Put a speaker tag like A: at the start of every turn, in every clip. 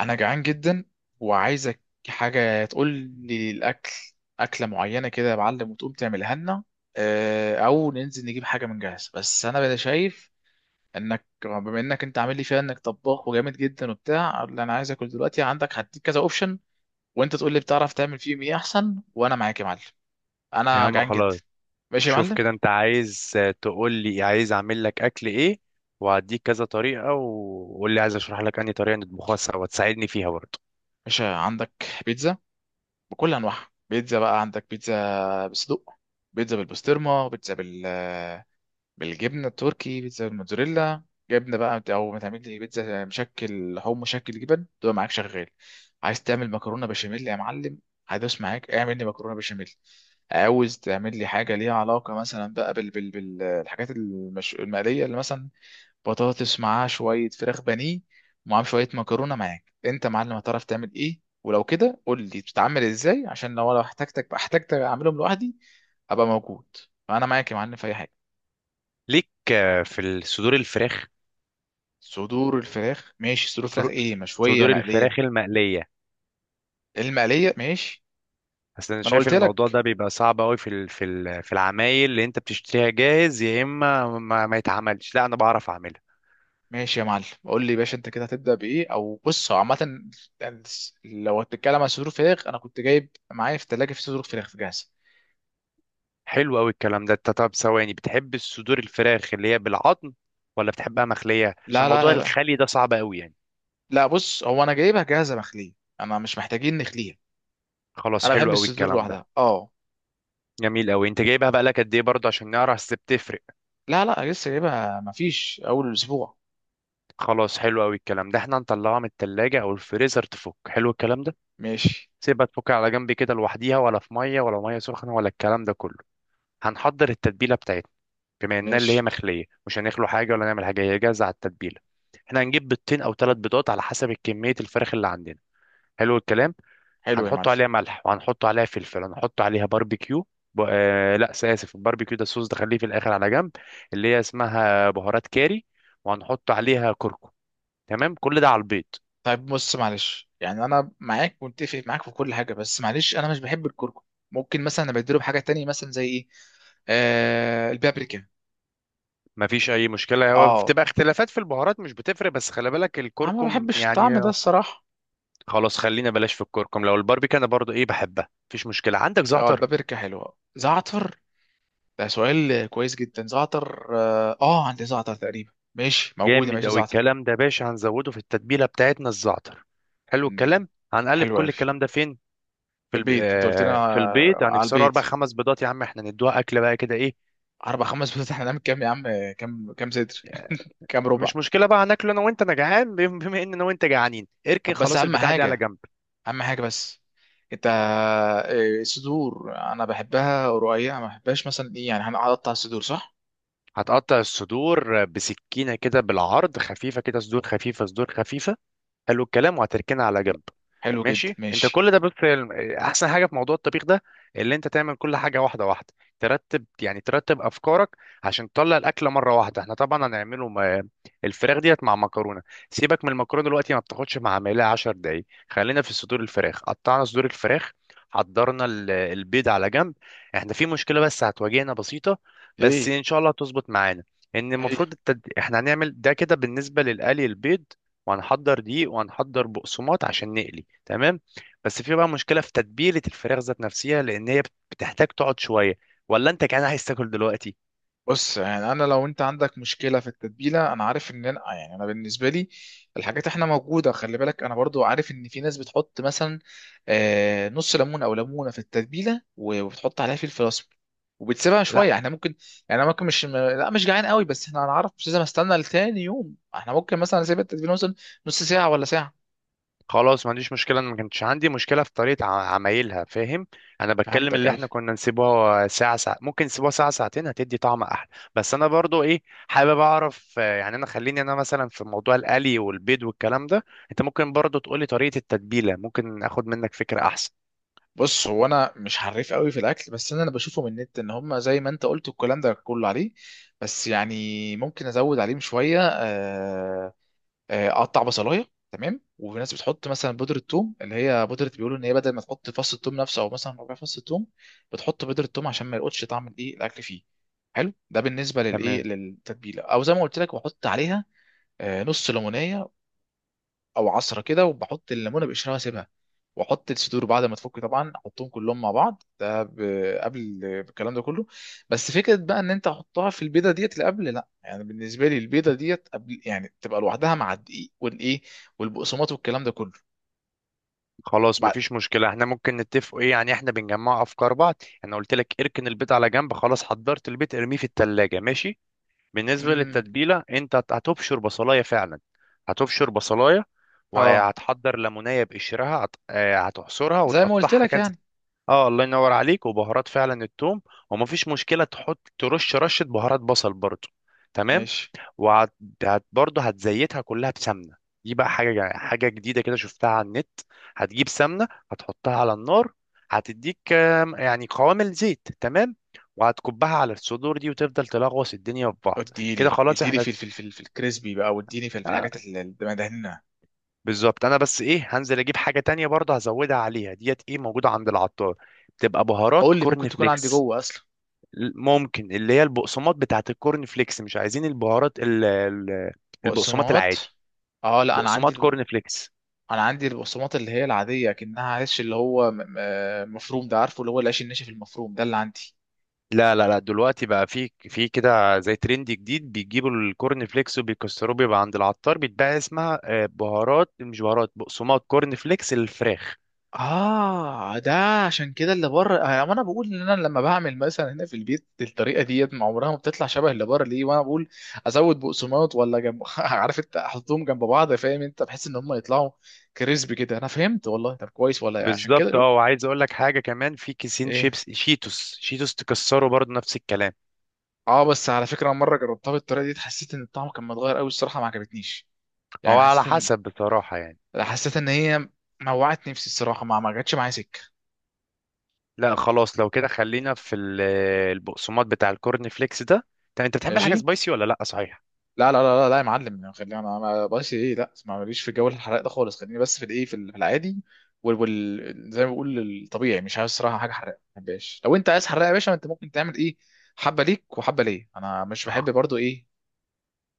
A: انا جعان جدا وعايزك حاجه تقول لي الاكل، اكله معينه كده يا معلم وتقوم تعملها لنا، او ننزل نجيب حاجه من جاهز. بس انا بقى شايف انك بما انك انت عامل لي فيها انك طباخ وجامد جدا وبتاع، اللي انا عايز اكل دلوقتي عندك هديك كذا اوبشن. وانت تقول لي بتعرف تعمل فيهم ايه احسن، وانا معاك يا معلم.
B: يا
A: انا
B: عم
A: جعان جدا.
B: خلاص.
A: ماشي يا
B: شوف
A: معلم.
B: كده، انت عايز تقول لي عايز اعمل لك اكل ايه، وهديك كذا طريقة، وقول لي عايز اشرح لك انهي طريقة نطبخها سوا تساعدني فيها برضه.
A: ماشي، عندك بيتزا بكل انواعها. بيتزا بقى، عندك بيتزا بصدق، بيتزا بالبسطرمه، بيتزا بالفراخ، بالجبنه التركي، بيتزا الموتزاريلا، جبنه بقى، او ما تعمل لي بيتزا مشكل لحوم مشكل جبن، تبقى معاك شغال. عايز تعمل مكرونه بشاميل يا معلم، هدوس معاك اعمل لي مكرونه بشاميل. عاوز تعمل لي حاجه ليها علاقه مثلا بقى بالحاجات المقليه، اللي مثلا بطاطس معاها شويه فراخ بانيه، ومعاهم شويه مكرونه. معاك انت يا معلم هتعرف تعمل ايه، ولو كده قول لي بتتعمل ازاي عشان لو انا احتاجتك اعملهم لوحدي. ابقى موجود، فانا معاك يا معلم في اي حاجه.
B: ليك في صدور الفراخ.
A: صدور الفراخ ماشي. صدور الفراخ
B: فر-
A: ايه، مشويه
B: صدور
A: مقليه؟
B: الفراخ المقلية.
A: المقليه ماشي.
B: اصل انا
A: ما انا
B: شايف
A: قلت
B: الموضوع
A: لك.
B: ده بيبقى صعب قوي في العمايل اللي انت بتشتريها جاهز، يا اما ما يتعملش، لا انا بعرف اعملها.
A: ماشي يا معلم، قول لي يا باشا انت كده هتبدا بايه؟ او بص، هو عامه يعني، لو هتتكلم عن صدور فراخ انا كنت جايب معايا في الثلاجه في صدور فراخ جاهزه.
B: حلو قوي الكلام ده. انت طب ثواني، بتحب الصدور الفراخ اللي هي بالعظم ولا بتحبها مخلية؟ عشان
A: لا لا
B: موضوع
A: لا بقى،
B: الخلي ده صعب قوي يعني.
A: لا بص، هو انا جايبها جاهزه مخليه. انا مش محتاجين نخليها.
B: خلاص،
A: انا
B: حلو
A: بحب
B: قوي
A: الصدور
B: الكلام ده.
A: لوحدها اه.
B: جميل قوي. انت جايبها بقى لك قد ايه برضه عشان نعرف اذا بتفرق.
A: لا لا، لسه جايبها، مفيش اول اسبوع.
B: خلاص، حلو قوي الكلام ده. احنا هنطلعها من التلاجة او الفريزر تفك، حلو الكلام ده.
A: ماشي.
B: سيبها تفك على جنب كده لوحديها، ولا في ميه، ولا ميه سخنه، ولا الكلام ده كله. هنحضر التتبيله بتاعتنا. بما انها اللي هي
A: ماشي.
B: مخليه، مش هنخلو حاجه ولا نعمل حاجه، هي جاهزه على التتبيله. احنا هنجيب بيضتين او ثلاث بيضات على حسب كميه الفراخ اللي عندنا. حلو الكلام.
A: حلو يا
B: هنحط
A: معلم.
B: عليها ملح، وهنحط عليها فلفل، هنحط عليها باربيكيو. ب... آه لا اسف، الباربيكيو ده الصوص ده خليه في الاخر على جنب. اللي هي اسمها بهارات كاري، وهنحط عليها كركم. تمام، كل ده على البيض.
A: طيب بص معلش، يعني انا معاك، متفق معاك في كل حاجه، بس معلش انا مش بحب الكركم. ممكن مثلا ابدله بحاجه تانية، مثلا زي ايه؟ آه البابريكا.
B: مفيش اي مشكله، هو
A: اه
B: بتبقى اختلافات في البهارات مش بتفرق، بس خلي بالك
A: انا ما
B: الكركم
A: بحبش الطعم
B: يعني.
A: ده الصراحه.
B: خلاص، خلينا بلاش في الكركم، لو الباربيكيو انا برضو ايه بحبها مفيش مشكله. عندك
A: اه
B: زعتر؟
A: البابريكا حلوه. زعتر، ده سؤال كويس جدا. زعتر، اه، عندي زعتر تقريبا، ماشي، موجوده،
B: جامد
A: ماشي
B: اوي
A: زعتر.
B: الكلام ده يا باشا، هنزوده في التتبيله بتاعتنا الزعتر. حلو
A: مم،
B: الكلام. هنقلب
A: حلو
B: كل
A: قوي. في
B: الكلام ده فين؟
A: البيت، انت قلت لنا
B: في البيض.
A: على
B: هنكسره اربع
A: البيت،
B: خمس بيضات. يا عم احنا ندوها اكل بقى كده ايه؟
A: اربع خمس بيضات، احنا نعمل كام يا عم؟ كام صدر؟ كام ربع؟
B: مش مشكله بقى، هناكله انا وانت، انا جعان. بما ان انا وانت جعانين، اركن
A: طب بس
B: خلاص
A: اهم
B: البتاع دي على
A: حاجه
B: جنب.
A: اهم حاجه بس. انت صدور، انا بحبها رقيقه، ما بحبهاش مثلا ايه يعني، هنقطع الصدور صح؟
B: هتقطع الصدور بسكينه كده بالعرض، خفيفه كده، صدور خفيفه، صدور خفيفه. حلو الكلام، وهتركنها على جنب.
A: حلو جدا
B: ماشي. انت
A: ماشي.
B: كل ده بص، احسن حاجه في موضوع الطبيخ ده اللي انت تعمل كل حاجه واحده واحده، ترتب يعني، ترتب افكارك، عشان تطلع الاكله مره واحده. احنا طبعا الفراخ ديت مع مكرونه. سيبك من المكرونه دلوقتي، ما بتاخدش مع عمليه 10 دقايق. خلينا في صدور الفراخ. قطعنا صدور الفراخ، حضرنا البيض على جنب. احنا في مشكله بس هتواجهنا بسيطه، بس
A: ايه؟
B: ان شاء الله هتظبط معانا. ان
A: ايه؟
B: المفروض احنا هنعمل ده كده بالنسبه للقلي البيض، وهنحضر دقيق، وهنحضر بقسماط عشان نقلي، تمام. بس في بقى مشكله في تتبيله الفراخ ذات نفسها، لان هي بتحتاج تقعد شويه، ولا انت كمان عايز تاكل دلوقتي؟
A: بص يعني انا لو انت عندك مشكله في التتبيله، انا عارف ان انا يعني، انا بالنسبه لي الحاجات احنا موجوده. خلي بالك انا برضو عارف ان في ناس بتحط مثلا نص ليمون او ليمونه في التتبيله، و- وبتحط عليها فلفل اسمر، وبتسيبها شويه.
B: لا
A: احنا ممكن، يعني انا ممكن، مش لا مش جعان قوي، بس احنا هنعرف، مش لازم استنى لتاني يوم، احنا ممكن مثلا اسيب التتبيله مثلا نص ساعه ولا ساعه.
B: خلاص، ما عنديش مشكله، انا ما كانتش عندي مشكله في طريقه عمايلها، فاهم. انا بتكلم
A: فهمتك
B: اللي احنا
A: ايوه.
B: كنا نسيبها ساعه ساعه، ممكن نسيبها ساعه ساعتين هتدي طعم احلى. بس انا برضو ايه حابب اعرف، يعني انا خليني انا مثلا في موضوع القلي والبيض والكلام ده، انت ممكن برضو تقولي طريقه التتبيله ممكن اخد منك فكره احسن.
A: بص هو انا مش حريف قوي في الاكل، بس انا اللي بشوفه من النت ان هم زي ما انت قلت الكلام ده كله عليه، بس يعني ممكن ازود عليهم شويه. اقطع بصلايه، تمام. وفي ناس بتحط مثلا بودره ثوم، اللي هي بودره، بيقولوا ان هي بدل ما تحط فص الثوم نفسه، او مثلا ربع فص الثوم، بتحط بودره ثوم عشان ما يلقطش طعم الايه الاكل فيه. حلو ده بالنسبه للايه
B: تمام.
A: للتتبيله. او زي ما قلت لك، بحط عليها نص ليمونيه، او عصره كده، وبحط الليمونه بقشرها واسيبها. واحط الصدور بعد ما تفك طبعا، احطهم كلهم مع بعض ده قبل الكلام ده كله. بس فكره بقى، ان انت تحطها في البيضه ديت اللي قبل، لا يعني بالنسبه لي البيضه ديت قبل يعني تبقى لوحدها مع الدقيق والايه والبقسماط والكلام ده كله.
B: خلاص
A: بعد.
B: مفيش مشكلة، احنا ممكن نتفقوا ايه يعني، احنا بنجمع افكار بعض. انا قلت لك اركن البيض على جنب خلاص، حضرت البيض ارميه في التلاجة، ماشي. بالنسبة
A: امم.
B: للتتبيلة، انت هتبشر بصلاية فعلا، هتبشر بصلاية،
A: اه
B: وهتحضر ليمونية بقشرها، هتعصرها
A: زي ما قلت
B: وتقطعها
A: لك
B: كذا.
A: يعني.
B: اه الله ينور عليك، وبهارات فعلا التوم، ومفيش مشكلة تحط ترش رشة بهارات بصل برضو، تمام.
A: ماشي.
B: وهت هت برضه هتزيتها كلها بسمنه. دي بقى حاجه جديده كده شفتها على النت. هتجيب سمنه، هتحطها على النار، هتديك يعني قوام الزيت، تمام، وهتكبها على الصدور دي وتفضل تلغوص الدنيا في بعض. كده
A: اديلي
B: خلاص
A: اديلي
B: احنا،
A: في الكريسبي بقى، واديني في
B: آه،
A: الحاجات اللي مدهنها.
B: بالظبط. انا بس ايه، هنزل اجيب حاجه تانية برضه هزودها عليها، ديت ايه موجوده عند العطار، بتبقى بهارات
A: قول لي، ممكن
B: كورن
A: تكون عندي
B: فليكس.
A: جوه اصلا؟
B: ممكن اللي هي البقسماط بتاعت الكورن فليكس، مش عايزين البهارات البقسماط العادي،
A: بقسماط؟ اه لا انا عندي.
B: بقسماط كورن فليكس.
A: انا عندي البقسماط اللي هي العاديه، كأنها عيش اللي هو مفروم ده، عارفه، اللي هو العيش الناشف المفروم ده اللي عندي.
B: لا لا لا، دلوقتي بقى في كده زي ترند جديد بيجيبوا الكورن فليكس وبيكسروه، بيبقى عند العطار بيتباع، اسمها بهارات، مش بهارات، بقسماط كورن فليكس الفراخ.
A: اه ده. عشان كده اللي بره، وانا بقول ان انا لما بعمل مثلا هنا في البيت الطريقه ديت ما عمرها ما بتطلع شبه اللي بره ليه، وانا بقول ازود بقسماط ولا جنب عارف انت، احطهم جنب بعض فاهم انت، بحس ان هم يطلعوا كريسبي كده. انا فهمت والله. طب كويس والله. عشان كده
B: بالظبط.
A: شوف.
B: اه وعايز اقول لك حاجه كمان، في كيسين
A: ايه؟
B: شيبس شيتوس، شيتوس تكسره برضه نفس الكلام.
A: اه بس على فكره، مره جربتها بالطريقه دي، حسيت ان الطعم كان متغير قوي الصراحه، ما عجبتنيش.
B: هو
A: يعني
B: على حسب بصراحه يعني.
A: حسيت ان هي موعت نفسي الصراحه، ما جاتش معايا سكه.
B: لا خلاص، لو كده خلينا في البقسماط بتاع الكورن فليكس ده. طب انت بتحب الحاجه
A: ماشي.
B: سبايسي ولا لا، صحيح؟
A: لا لا لا لا, لا يا معلم يعني، خلينا، انا ما بقاش ايه، لا ما ماليش في جو الحرق ده خالص، خليني بس في الايه، في العادي زي ما بقول الطبيعي، مش عايز الصراحه حاجه حرقه ما بحبهاش. لو انت عايز حرقه يا باشا، انت ممكن تعمل ايه، حبه ليك وحبه ليا، انا مش بحب برضو ايه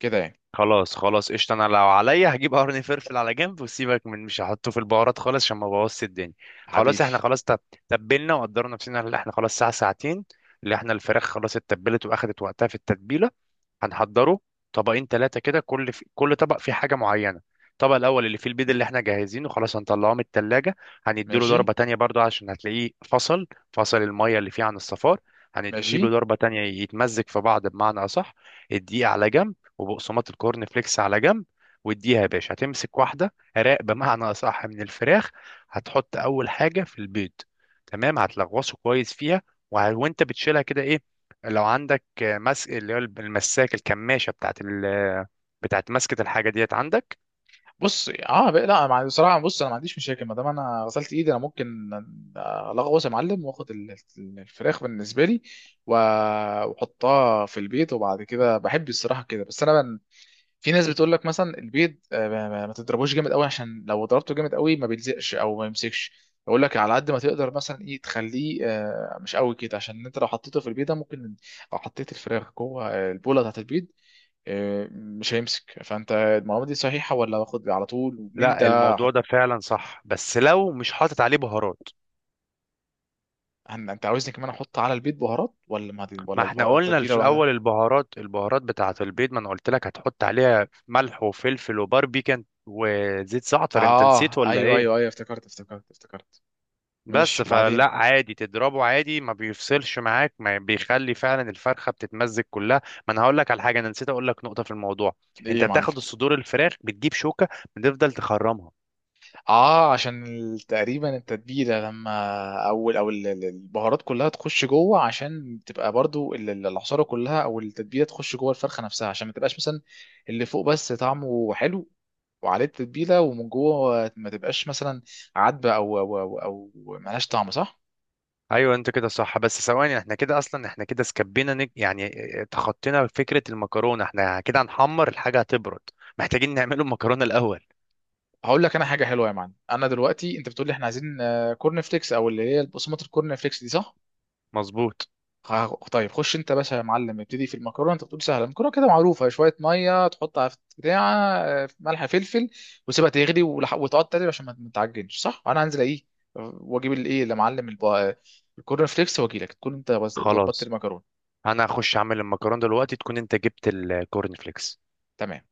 A: كده يعني.
B: خلاص خلاص قشطة، انا لو عليا هجيب قرن فلفل على جنب وسيبك من، مش هحطه في البهارات خالص عشان ما بوظش الدنيا. خلاص
A: حبيبي.
B: احنا خلاص، تبلنا وقدرنا نفسنا. اللي احنا خلاص ساعة ساعتين، اللي احنا الفراخ خلاص اتبلت واخدت وقتها في التتبيلة. هنحضره طبقين ثلاثة كده، كل طبق فيه حاجة معينة. الطبق الأول اللي فيه البيض اللي احنا جاهزينه خلاص، هنطلعه من التلاجة، هنديله
A: ماشي.
B: ضربة تانية برضو عشان هتلاقيه فصل، فصل المية اللي فيه عن الصفار. هنديله
A: ماشي.
B: ضربة تانية يتمزج في بعض بمعنى أصح. الدقيق على جنب، وبقسماط الكورن فليكس على جنب. واديها يا باشا، هتمسك واحدة راق بمعنى أصح من الفراخ، هتحط أول حاجة في البيض، تمام، هتلغوصه كويس فيها. وانت بتشيلها كده ايه، لو عندك مس اللي هو المساك الكماشة بتاعت مسكة الحاجة ديت عندك.
A: بص، اه بقى، لا بصراحه. بص انا ما عنديش مشاكل ما دام انا غسلت ايدي، انا ممكن الغوص يا معلم، واخد الفراخ بالنسبه لي، و- واحطها في البيت، وبعد كده بحب الصراحه كده. بس انا من، في ناس بتقول لك مثلا البيض ما تضربوش جامد قوي، عشان لو ضربته جامد قوي ما بيلزقش او ما يمسكش. بقول لك على قد ما تقدر مثلا ايه تخليه مش قوي كده، عشان انت لو حطيته في البيضه ممكن، او حطيت الفراخ جوه البوله بتاعت البيض، مش هيمسك. فانت المعلومه دي صحيحه، ولا باخد على طول، ومين
B: لا
A: ده
B: الموضوع
A: احط؟
B: ده فعلا صح، بس لو مش حاطط عليه بهارات.
A: انت عاوزني كمان احط على البيض بهارات، ولا ما دي،
B: ما
A: ولا
B: احنا
A: البهارات
B: قلنا
A: التتبيله
B: في
A: لوحدها؟
B: الأول البهارات، البهارات بتاعت البيض، ما انا قلت لك هتحط عليها ملح وفلفل وباربيكان وزيت زعتر، انت
A: اه
B: نسيت ولا
A: ايوه،
B: ايه؟
A: ايوه، ايوه، افتكرت، افتكرت، افتكرت. ماشي
B: بس فلا
A: وبعدين؟
B: عادي تضربه عادي، ما بيفصلش معاك، ما بيخلي فعلا الفرخة بتتمزج كلها. ما انا هقول لك على حاجة، انا نسيت اقول لك نقطة في الموضوع.
A: ايه
B: انت
A: يا معلم؟
B: بتاخد الصدور الفراخ، بتجيب شوكة، بتفضل تخرمها.
A: اه عشان تقريبا التتبيله لما، البهارات كلها تخش جوه، عشان تبقى برضو العصاره كلها او التتبيله تخش جوه الفرخه نفسها، عشان ما تبقاش مثلا اللي فوق بس طعمه حلو وعليه التتبيله، ومن جوه ما تبقاش مثلا عدبه أو ملهاش طعم صح.
B: ايوه انت كده صح، بس ثواني احنا كده اصلا، احنا كده يعني تخطينا فكره المكرونه، احنا كده هنحمر الحاجه هتبرد، محتاجين نعمله المكرونه الاول.
A: هقول لك انا حاجه حلوه يا معلم، انا دلوقتي انت بتقول لي احنا عايزين كورن فليكس او اللي هي بقسمه الكورن فليكس دي صح؟
B: مظبوط.
A: طيب خش انت بس يا معلم، ابتدي في المكرونه، انت بتقول سهله المكرونه كده معروفه، شويه ميه تحطها في بتاع ملح فلفل، وسيبها تغلي، وتقعد تقلب عشان ما تعجنش صح. انا هنزل ايه، واجيب الايه اللي معلم الكورن فليكس، واجي لك تكون انت ظبطت
B: خلاص
A: المكرونه.
B: انا هخش اعمل المكرونه دلوقتي تكون انت جبت الكورن فليكس.
A: تمام.